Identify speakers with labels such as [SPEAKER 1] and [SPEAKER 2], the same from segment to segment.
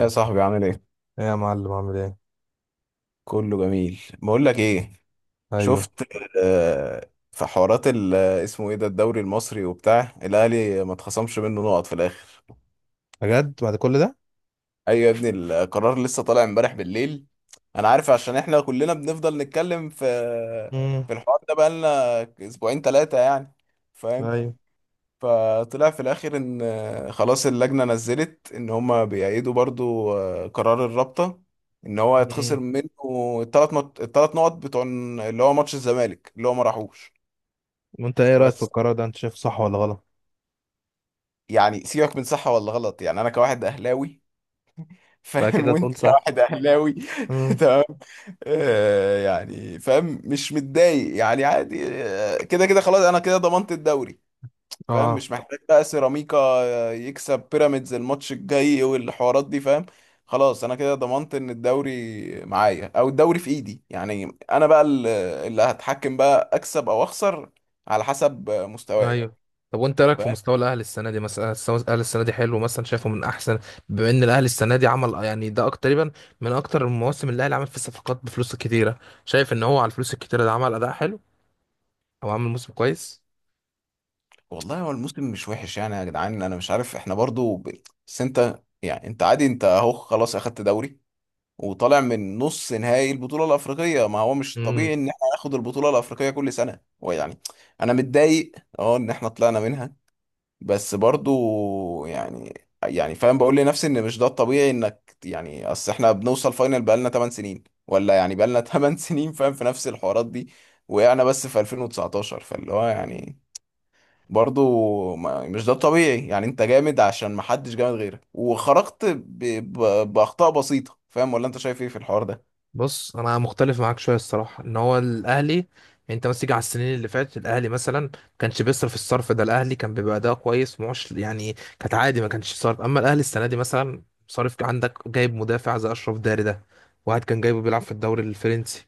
[SPEAKER 1] يا صاحبي، عامل ايه؟
[SPEAKER 2] ايه يا معلم، عامل ايه؟
[SPEAKER 1] كله جميل، بقول لك ايه،
[SPEAKER 2] ايوه.
[SPEAKER 1] شفت. في حوارات اسمه ايه ده، الدوري المصري وبتاع الاهلي ما اتخصمش منه نقط في الاخر.
[SPEAKER 2] بجد بعد كل ده؟
[SPEAKER 1] ايوه يا ابني، القرار لسه طالع امبارح بالليل. انا عارف، عشان احنا كلنا بنفضل نتكلم في
[SPEAKER 2] امم.
[SPEAKER 1] في الحوار ده بقالنا اسبوعين ثلاثة يعني، فاهم.
[SPEAKER 2] ايوه.
[SPEAKER 1] فطلع في الاخر ان خلاص اللجنه نزلت ان هما بيأيدوا برضو قرار الرابطه، ان هو يتخسر
[SPEAKER 2] امم.
[SPEAKER 1] منه الثلاث نقط، الثلاث نقط بتوع اللي هو ماتش الزمالك اللي هو ما راحوش.
[SPEAKER 2] وانت ايه رايك في
[SPEAKER 1] بس
[SPEAKER 2] القرار ده؟ انت شايفه صح ولا غلط؟
[SPEAKER 1] يعني سيبك من صح ولا غلط، يعني انا كواحد اهلاوي.
[SPEAKER 2] انت
[SPEAKER 1] فاهم،
[SPEAKER 2] كده
[SPEAKER 1] وانت
[SPEAKER 2] تقول صح.
[SPEAKER 1] كواحد اهلاوي.
[SPEAKER 2] امم.
[SPEAKER 1] تمام. يعني فاهم، مش متضايق يعني، عادي، كده كده خلاص، انا كده ضمنت الدوري، فاهم،
[SPEAKER 2] اه.
[SPEAKER 1] مش محتاج بقى سيراميكا يكسب بيراميدز الماتش الجاي والحوارات دي، فاهم. خلاص انا كده ضمنت ان الدوري معايا، او الدوري في ايدي، يعني انا بقى اللي هتحكم بقى اكسب او اخسر على حسب مستواي،
[SPEAKER 2] ايوه. طب وانت إيه رايك في
[SPEAKER 1] فاهم.
[SPEAKER 2] مستوى الاهلي السنه دي؟ مثلا مستوى الاهلي السنه دي حلو؟ مثلا شايفه من احسن، بما ان الاهلي السنه دي عمل يعني ده اكتر تقريبا، من اكتر المواسم اللي الاهلي عمل فيه صفقات بفلوس كتيره. شايف ان هو على الفلوس الكتيره ده عمل اداء حلو او عمل موسم كويس؟
[SPEAKER 1] والله هو الموسم مش وحش يعني، يا جدعان انا مش عارف، احنا برضو بس انت يعني، انت عادي، انت اهو خلاص اخدت دوري وطالع من نص نهائي البطولة الأفريقية. ما هو مش طبيعي إن احنا ناخد البطولة الأفريقية كل سنة، ويعني أنا متضايق، أه إن احنا طلعنا منها، بس برضو يعني فاهم، بقول لنفسي إن مش ده الطبيعي إنك يعني، أصل احنا بنوصل فاينل بقالنا 8 سنين، ولا يعني بقالنا 8 سنين، فاهم، في نفس الحوارات دي. وقعنا بس في 2019، فاللي هو يعني، برضو مش ده الطبيعي يعني، انت جامد عشان محدش جامد غيرك، وخرجت بأخطاء بسيطة، فاهم، ولا انت شايف ايه في الحوار ده.
[SPEAKER 2] بص، انا مختلف معاك شويه الصراحه. ان هو الاهلي يعني انت بس تيجي على السنين اللي فاتت، الاهلي مثلا ما كانش بيصرف الصرف ده. الاهلي كان بيبقى اداء كويس معش يعني، كانت عادي ما كانش صرف. اما الاهلي السنه دي مثلا صارف. عندك جايب مدافع زي اشرف داري ده، واحد كان جايبه بيلعب في الدوري الفرنسي.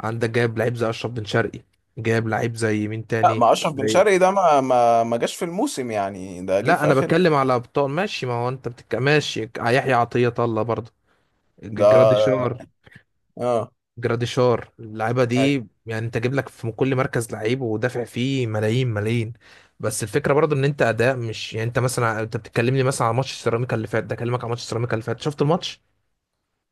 [SPEAKER 2] عندك جايب لعيب زي اشرف بن شرقي، جايب لعيب زي مين
[SPEAKER 1] لا،
[SPEAKER 2] تاني،
[SPEAKER 1] ما اشرف بن
[SPEAKER 2] زي،
[SPEAKER 1] شرقي ده ما جاش في الموسم يعني، ده جه
[SPEAKER 2] لا
[SPEAKER 1] في
[SPEAKER 2] انا
[SPEAKER 1] اخر.
[SPEAKER 2] بتكلم على ابطال. ماشي، ما هو انت بتك... ماشي، يحيى عطيه الله برضه،
[SPEAKER 1] ده،
[SPEAKER 2] جراديشار.
[SPEAKER 1] اه.
[SPEAKER 2] جراديشار، اللعيبه
[SPEAKER 1] أي.
[SPEAKER 2] دي يعني انت جايب لك في كل مركز لعيب ودافع فيه ملايين ملايين. بس الفكره برضو ان انت اداء مش يعني، انت مثلا انت بتتكلمني مثلا على ماتش سيراميكا اللي فات، ده اكلمك على ماتش سيراميكا اللي فات. شفت الماتش؟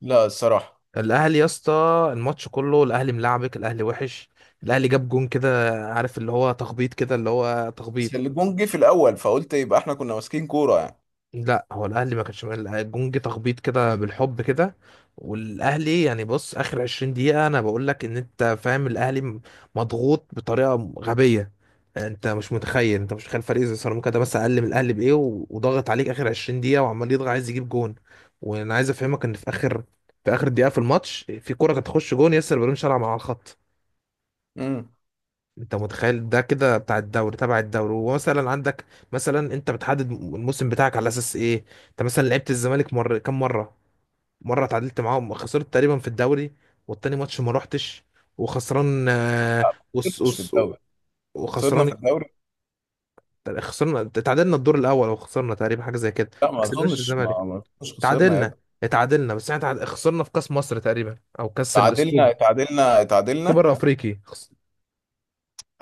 [SPEAKER 1] لا الصراحه.
[SPEAKER 2] الاهلي يا اسطى الماتش كله، الاهلي ملعبك، الاهلي وحش. الاهلي جاب جون كده، عارف اللي هو تخبيط كده، اللي هو تخبيط.
[SPEAKER 1] بس الجون جه في الاول، فقلت يبقى احنا كنا ماسكين كوره يعني.
[SPEAKER 2] لا هو الاهلي ما كانش الجونج تخبيط كده بالحب كده. والاهلي يعني بص، اخر 20 دقيقه انا بقول لك ان انت فاهم الاهلي مضغوط بطريقه غبيه. انت مش متخيل، انت مش متخيل فريق زي سيراميكا ده بس اقل من الاهلي بايه وضغط عليك اخر 20 دقيقه وعمال يضغط عايز يجيب جون. وانا عايز افهمك ان في اخر دقيقه في الماتش في كره كانت تخش جون ياسر بن شرع مع الخط.
[SPEAKER 1] امم.
[SPEAKER 2] انت متخيل ده كده بتاع الدوري تبع الدوري؟ ومثلا عندك، مثلا انت بتحدد الموسم بتاعك على اساس ايه؟ انت مثلا لعبت الزمالك مره كم مره؟ مره اتعادلت معاهم، خسرت تقريبا في الدوري، والتاني ماتش ما روحتش وخسران، وس
[SPEAKER 1] مش في
[SPEAKER 2] وس،
[SPEAKER 1] الدوري، خسرنا في
[SPEAKER 2] وخسران.
[SPEAKER 1] الدوري.
[SPEAKER 2] خسرنا اتعادلنا الدور الاول او خسرنا تقريبا، حاجه زي كده.
[SPEAKER 1] لا
[SPEAKER 2] ما
[SPEAKER 1] ما
[SPEAKER 2] كسبناش
[SPEAKER 1] اظنش،
[SPEAKER 2] الزمالك،
[SPEAKER 1] خسرنا يا
[SPEAKER 2] اتعادلنا،
[SPEAKER 1] ابني.
[SPEAKER 2] اتعادلنا. بس احنا خسرنا في كاس مصر تقريبا او كاس
[SPEAKER 1] تعادلنا،
[SPEAKER 2] السوبر،
[SPEAKER 1] تعادلنا، تعادلنا.
[SPEAKER 2] السوبر الافريقي.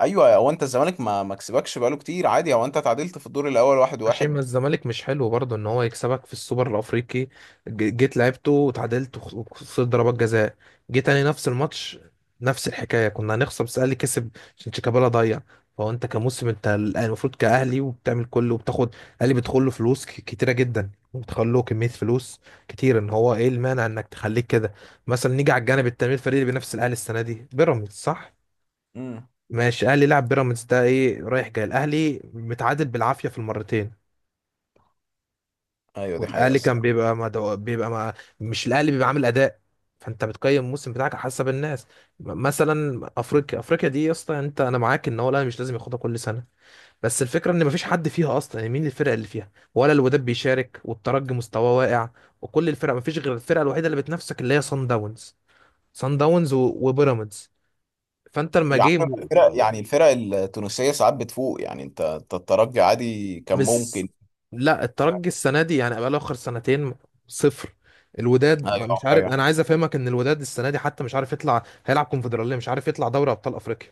[SPEAKER 1] ايوه، هو انت الزمالك ما كسبكش بقاله كتير، عادي، هو انت تعادلت في الدور الاول واحد
[SPEAKER 2] ماشي، ما
[SPEAKER 1] واحد.
[SPEAKER 2] الزمالك مش حلو برضه ان هو يكسبك في السوبر الافريقي. جيت لعبته وتعادلت وخسرت ضربات جزاء. جيت تاني نفس الماتش، نفس الحكايه كنا هنخسر، بس الاهلي كسب عشان شيكابالا ضيع. فهو انت كموسم، انت المفروض كاهلي وبتعمل كله وبتاخد. الاهلي بيدخل له فلوس كتيره جدا وبتخلوا له كميه فلوس كتير. ان هو ايه المانع انك تخليك كده؟ مثلا نيجي على الجانب التاني، الفريق اللي بينافس الاهلي السنه دي بيراميدز صح؟
[SPEAKER 1] امم.
[SPEAKER 2] ماشي، الاهلي لعب بيراميدز ده ايه رايح جاي، الاهلي متعادل بالعافيه في المرتين.
[SPEAKER 1] ايوه، دي حقيقه
[SPEAKER 2] والاهلي كان
[SPEAKER 1] الصراحه.
[SPEAKER 2] بيبقى ما دو... بيبقى ما... مش الاهلي بيبقى عامل اداء. فانت بتقيم الموسم بتاعك على حسب الناس. مثلا افريقيا، افريقيا دي يا اسطى، انت انا معاك ان هو الاهلي مش لازم ياخدها كل سنه. بس الفكره ان مفيش حد فيها اصلا يعني، مين الفرق اللي فيها؟ ولا الوداد بيشارك والترجي مستواه واقع، وكل الفرق مفيش غير الفرقه الوحيده اللي بتنافسك اللي هي صن داونز، صن داونز و... وبيراميدز. فانت لما
[SPEAKER 1] يعني
[SPEAKER 2] جه،
[SPEAKER 1] الفرق، يعني الفرق التونسيه ساعات بتفوق يعني، أنت الترجي عادي كان
[SPEAKER 2] مش،
[SPEAKER 1] ممكن.
[SPEAKER 2] لا الترجي السنه دي يعني بقاله اخر سنتين صفر. الوداد
[SPEAKER 1] ايوه،
[SPEAKER 2] مش عارف،
[SPEAKER 1] ايوه،
[SPEAKER 2] انا عايز افهمك ان الوداد السنه دي حتى مش عارف يطلع هيلعب كونفدراليه، مش عارف يطلع دوري ابطال افريقيا.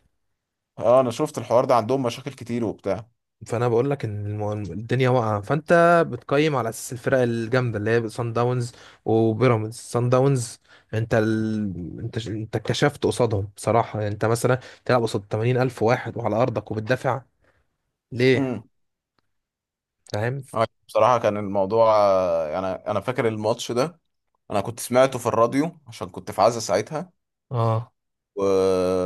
[SPEAKER 1] اه، انا شفت الحوار ده، عندهم مشاكل كتير وبتاع.
[SPEAKER 2] فانا بقول لك ان الدنيا واقعه. فانت بتقيم على اساس الفرق الجامده اللي هي سان داونز وبيراميدز، سان داونز. انت ال... انت انت اتكشفت قصادهم بصراحه يعني. انت مثلا تلعب قصاد 80000 واحد وعلى ارضك وبتدافع ليه؟
[SPEAKER 1] امم.
[SPEAKER 2] فاهم.
[SPEAKER 1] أيوة، بصراحه كان الموضوع يعني انا فاكر الماتش ده، انا كنت سمعته في الراديو عشان كنت في عزا ساعتها.
[SPEAKER 2] اه
[SPEAKER 1] و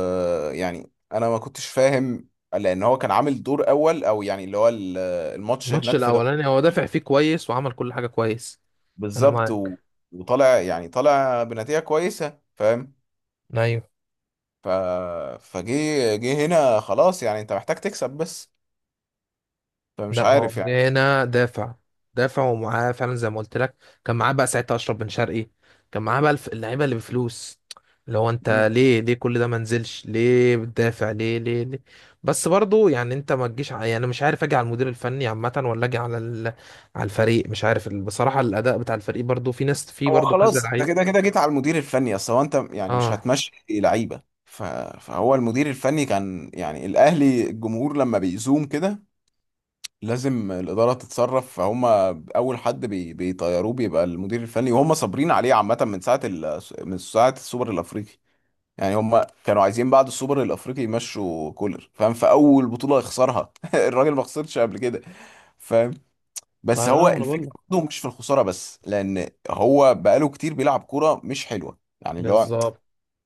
[SPEAKER 1] يعني انا ما كنتش فاهم، لان هو كان عامل دور اول، او يعني اللي هو الماتش
[SPEAKER 2] الماتش
[SPEAKER 1] هناك
[SPEAKER 2] الاولاني هو دافع فيه كويس وعمل كل حاجه كويس. انا
[SPEAKER 1] بالظبط
[SPEAKER 2] معاك.
[SPEAKER 1] وطالع، يعني طالع بنتيجه كويسه، فاهم.
[SPEAKER 2] ايوه.
[SPEAKER 1] ف... فجه جه هنا، خلاص يعني، انت محتاج تكسب بس، فمش
[SPEAKER 2] لا هو
[SPEAKER 1] عارف
[SPEAKER 2] هنا دافع، دافع ومعاه فعلا زي ما قلت لك، كان معاه بقى ساعتها اشرف بن شرقي، كان معاه بقى اللعيبه اللي بفلوس، اللي هو انت
[SPEAKER 1] يعني.
[SPEAKER 2] ليه ليه كل ده؟ ما نزلش ليه؟ بتدافع ليه ليه ليه؟ بس برضو يعني انت ما تجيش ع- يعني مش عارف اجي على المدير الفني عامه ولا اجي على ال... على الفريق، مش عارف بصراحه الاداء بتاع الفريق برضو، في ناس، في
[SPEAKER 1] هو
[SPEAKER 2] برضو كذا
[SPEAKER 1] خلاص انت
[SPEAKER 2] لعيب.
[SPEAKER 1] كده كده جيت على المدير الفني، اصل هو انت يعني مش
[SPEAKER 2] اه.
[SPEAKER 1] هتمشي لعيبه، فهو المدير الفني كان يعني، الاهلي الجمهور لما بيزوم كده لازم الاداره تتصرف، فهم اول حد بيطيروه بيبقى المدير الفني، وهم صابرين عليه عامه من من ساعه السوبر الافريقي، يعني هم كانوا عايزين بعد السوبر الافريقي يمشوا كولر، فاهم، في اول بطوله يخسرها. الراجل ما خسرش قبل كده، فاهم.
[SPEAKER 2] ما
[SPEAKER 1] بس
[SPEAKER 2] انا
[SPEAKER 1] هو
[SPEAKER 2] ما انا بقول
[SPEAKER 1] الفكره
[SPEAKER 2] لك.
[SPEAKER 1] برضه مش في الخساره بس، لان هو بقاله كتير بيلعب كوره مش حلوه يعني، اللي هو
[SPEAKER 2] بالظبط.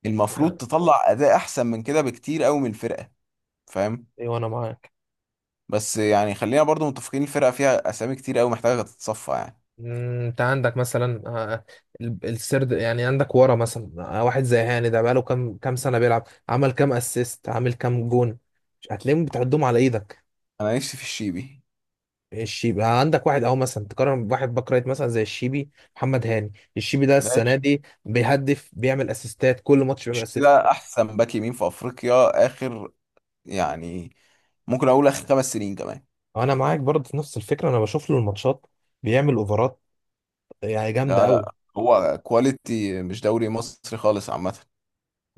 [SPEAKER 1] المفروض
[SPEAKER 2] واحنا،
[SPEAKER 1] تطلع اداء احسن من كده بكتير قوي من الفرقه، فاهم.
[SPEAKER 2] ايوه انا معاك.
[SPEAKER 1] بس يعني خلينا برضه متفقين، الفرقه فيها اسامي كتير قوي محتاجه تتصفى يعني.
[SPEAKER 2] انت عندك مثلا، السرد يعني، عندك ورا مثلا، واحد زي هاني ده بقاله كام سنه بيلعب؟ عمل كام اسيست؟ عامل كام جون؟ مش هتلاقيهم، بتعدهم على ايدك.
[SPEAKER 1] انا نفسي في الشيبي،
[SPEAKER 2] مش يبقى عندك واحد اهو مثلا تقارن بواحد باك رايت مثلا زي الشيبي؟ محمد هاني الشيبي ده
[SPEAKER 1] ده
[SPEAKER 2] السنه دي بيهدف، بيعمل اسيستات، كل ماتش بيعمل
[SPEAKER 1] مش
[SPEAKER 2] اسيست.
[SPEAKER 1] كده احسن باك يمين في افريقيا، اخر يعني، ممكن اقول اخر 5 سنين كمان.
[SPEAKER 2] انا معاك برضه في نفس الفكره، انا بشوف له الماتشات بيعمل اوفرات يعني جامده
[SPEAKER 1] لا
[SPEAKER 2] قوي.
[SPEAKER 1] لا، هو كواليتي، مش دوري مصري خالص عامه،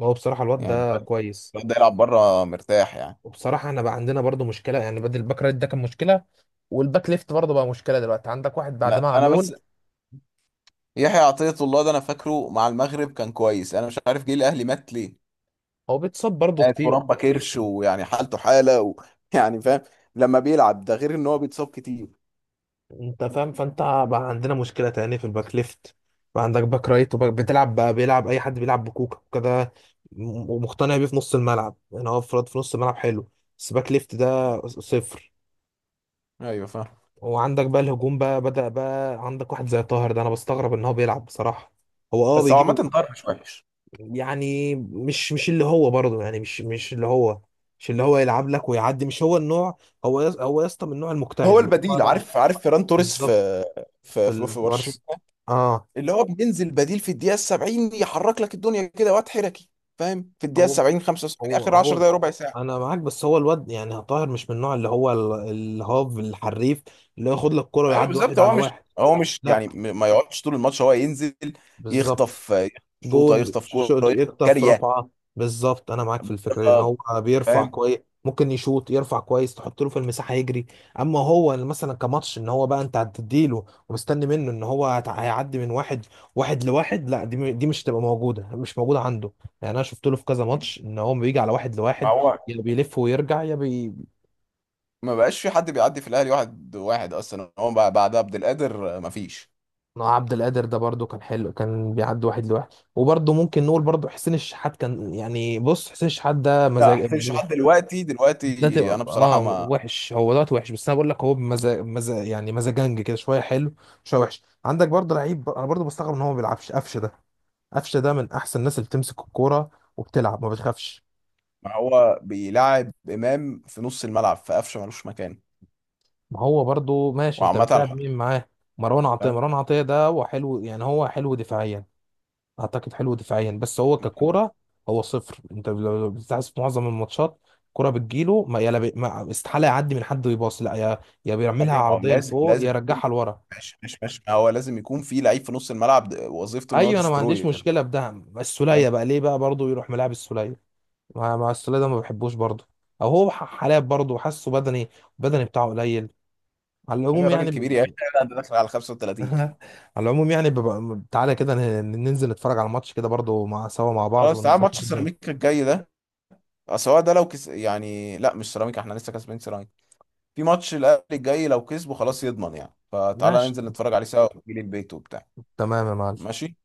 [SPEAKER 2] هو بصراحه الواد
[SPEAKER 1] يعني
[SPEAKER 2] ده
[SPEAKER 1] الواد
[SPEAKER 2] كويس.
[SPEAKER 1] الواد ده يلعب بره مرتاح يعني.
[SPEAKER 2] وبصراحة احنا بقى عندنا برضو مشكلة يعني، بدل الباك رايت ده كان مشكلة، والباك ليفت برضو بقى مشكلة دلوقتي. عندك واحد بعد
[SPEAKER 1] انا
[SPEAKER 2] ما
[SPEAKER 1] انا
[SPEAKER 2] علول،
[SPEAKER 1] بس يحيى عطية الله ده انا فاكره مع المغرب كان كويس، انا مش عارف جه الاهلي مات ليه.
[SPEAKER 2] هو بيتصاب برضو كتير.
[SPEAKER 1] ترامبا كرش، ويعني حالته حاله يعني فاهم، لما بيلعب ده غير ان هو بيتصاب كتير.
[SPEAKER 2] انت فاهم، فانت بقى عندنا مشكلة تاني في الباك ليفت. بقى عندك باك رايت وباك، بتلعب بقى بيلعب اي حد، بيلعب بكوكا كده. ومقتنع بيه في نص الملعب يعني، هو افراد في نص الملعب حلو، بس باك ليفت ده صفر.
[SPEAKER 1] ايوه فاهم.
[SPEAKER 2] وعندك بقى الهجوم بقى، بدأ بقى عندك واحد زي طاهر ده انا بستغرب ان هو بيلعب بصراحة. هو اه
[SPEAKER 1] بس هو
[SPEAKER 2] بيجيب
[SPEAKER 1] عامة طاهر مش وحش،
[SPEAKER 2] يعني، مش اللي هو برضه يعني، مش اللي هو، مش اللي هو يلعب لك ويعدي، مش هو النوع. هو يس، هو يا اسطى من النوع المجتهد
[SPEAKER 1] هو
[SPEAKER 2] اللي
[SPEAKER 1] البديل،
[SPEAKER 2] هو،
[SPEAKER 1] عارف فيران توريس
[SPEAKER 2] بالظبط،
[SPEAKER 1] في
[SPEAKER 2] في
[SPEAKER 1] في برشلونة،
[SPEAKER 2] البارس. اه.
[SPEAKER 1] اللي هو بينزل بديل في الدقيقة 70، يحرك لك الدنيا كده، وقت حركي، فاهم، في الدقيقة
[SPEAKER 2] هو
[SPEAKER 1] 70، 75،
[SPEAKER 2] هو
[SPEAKER 1] اخر 10
[SPEAKER 2] هو
[SPEAKER 1] دقايق، ربع ساعة.
[SPEAKER 2] انا معاك. بس هو الواد يعني طاهر مش من النوع اللي هو الهاف الحريف، اللي هو ياخد لك كرة
[SPEAKER 1] ايوه
[SPEAKER 2] ويعدي
[SPEAKER 1] بالظبط،
[SPEAKER 2] واحد
[SPEAKER 1] هو
[SPEAKER 2] على
[SPEAKER 1] مش
[SPEAKER 2] واحد.
[SPEAKER 1] هو مش
[SPEAKER 2] لا،
[SPEAKER 1] يعني ما يقعدش طول الماتش، هو ينزل
[SPEAKER 2] بالظبط.
[SPEAKER 1] يخطف، يخطف شوطه،
[SPEAKER 2] جون
[SPEAKER 1] يخطف كوره، يخطف
[SPEAKER 2] يخطف
[SPEAKER 1] كاريه.
[SPEAKER 2] رفعه. بالظبط، انا معاك في الفكره دي ان
[SPEAKER 1] آه،
[SPEAKER 2] هو بيرفع
[SPEAKER 1] فاهم.
[SPEAKER 2] كويس، ممكن يشوط، يرفع كويس، تحط له في المساحه يجري. اما هو اللي مثلا كماتش ان هو بقى انت هتديله ومستني منه ان هو هيعدي من واحد، واحد لواحد، لا دي دي مش تبقى موجوده، مش موجوده عنده يعني. انا شفت له في كذا ماتش ان هو بيجي على واحد
[SPEAKER 1] ما
[SPEAKER 2] لواحد،
[SPEAKER 1] هو
[SPEAKER 2] يا بيلف ويرجع يا بي.
[SPEAKER 1] ما بقاش في حد بيعدي في الاهلي واحد واحد اصلا، هو بقى بعد عبد القادر، ما فيش.
[SPEAKER 2] عبد القادر ده برده كان حلو، كان بيعدي واحد لواحد. وبرده ممكن نقول برده حسين الشحات كان، يعني بص حسين الشحات ده
[SPEAKER 1] لا
[SPEAKER 2] مزاج.
[SPEAKER 1] حسين شحات دلوقتي،
[SPEAKER 2] ده تبقى
[SPEAKER 1] دلوقتي انا
[SPEAKER 2] اه
[SPEAKER 1] بصراحه ما.
[SPEAKER 2] وحش، هو دلوقتي وحش، بس انا بقول لك هو بمزاج، مزاج يعني، مزاجنج كده، شويه حلو شويه وحش. عندك برضه لعيب انا برضه بستغرب ان هو ما بيلعبش، قفشه ده. قفشه ده من احسن الناس اللي بتمسك الكوره وبتلعب ما بتخافش.
[SPEAKER 1] ما هو بيلعب امام في نص الملعب، في قفشه ملوش مكان،
[SPEAKER 2] ما هو برضه ماشي، انت
[SPEAKER 1] وعامه
[SPEAKER 2] بتلعب
[SPEAKER 1] الحر،
[SPEAKER 2] مين معاه؟ مروان عطيه،
[SPEAKER 1] فاهم.
[SPEAKER 2] مروان عطيه ده هو حلو يعني، هو حلو دفاعيا. اعتقد حلو دفاعيا، بس هو ككوره، هو صفر. انت لو بتلاحظ في معظم الماتشات، الكوره بتجيله ما يلا بي... ما استحاله يعدي من حد ويباص، لا يا بيعملها
[SPEAKER 1] ايوه ما هو
[SPEAKER 2] عرضيه
[SPEAKER 1] لازم
[SPEAKER 2] لفوق يا
[SPEAKER 1] لازم يكون،
[SPEAKER 2] يرجعها لورا.
[SPEAKER 1] ماشي ماشي ماشي، ما هو لازم يكون في لعيب في نص الملعب، وظيفته ان هو
[SPEAKER 2] ايوه، انا ما عنديش
[SPEAKER 1] ديستروير،
[SPEAKER 2] مشكله بدعم السوليه،
[SPEAKER 1] فاهم.
[SPEAKER 2] بقى ليه بقى برضه يروح ملاعب السوليه؟ مع السوليه ده ما بحبوش برضه. او هو حالات برضه حاسه بدني، بدني بتاعه قليل. على
[SPEAKER 1] ايوه
[SPEAKER 2] العموم
[SPEAKER 1] الراجل
[SPEAKER 2] يعني
[SPEAKER 1] كبير يا اخي،
[SPEAKER 2] ب...
[SPEAKER 1] لا ده داخل على 35.
[SPEAKER 2] على العموم يعني ببقى... تعالى كده ننزل نتفرج على الماتش كده برضه مع سوا مع بعض
[SPEAKER 1] خلاص، تعال ماتش
[SPEAKER 2] ونشوف الدنيا.
[SPEAKER 1] سيراميكا الجاي ده سواء، ده يعني لا مش سيراميكا، احنا لسه كسبين سيراميكا، في ماتش الاهلي الجاي لو كسبه خلاص يضمن يعني، فتعالى
[SPEAKER 2] ماشي،
[SPEAKER 1] ننزل نتفرج عليه سوا، ونجيلي البيت وبتاع.
[SPEAKER 2] تمام يا معلم،
[SPEAKER 1] ماشي.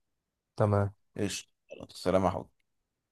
[SPEAKER 2] تمام.
[SPEAKER 1] ايش خلاص، سلام يا حبيبي.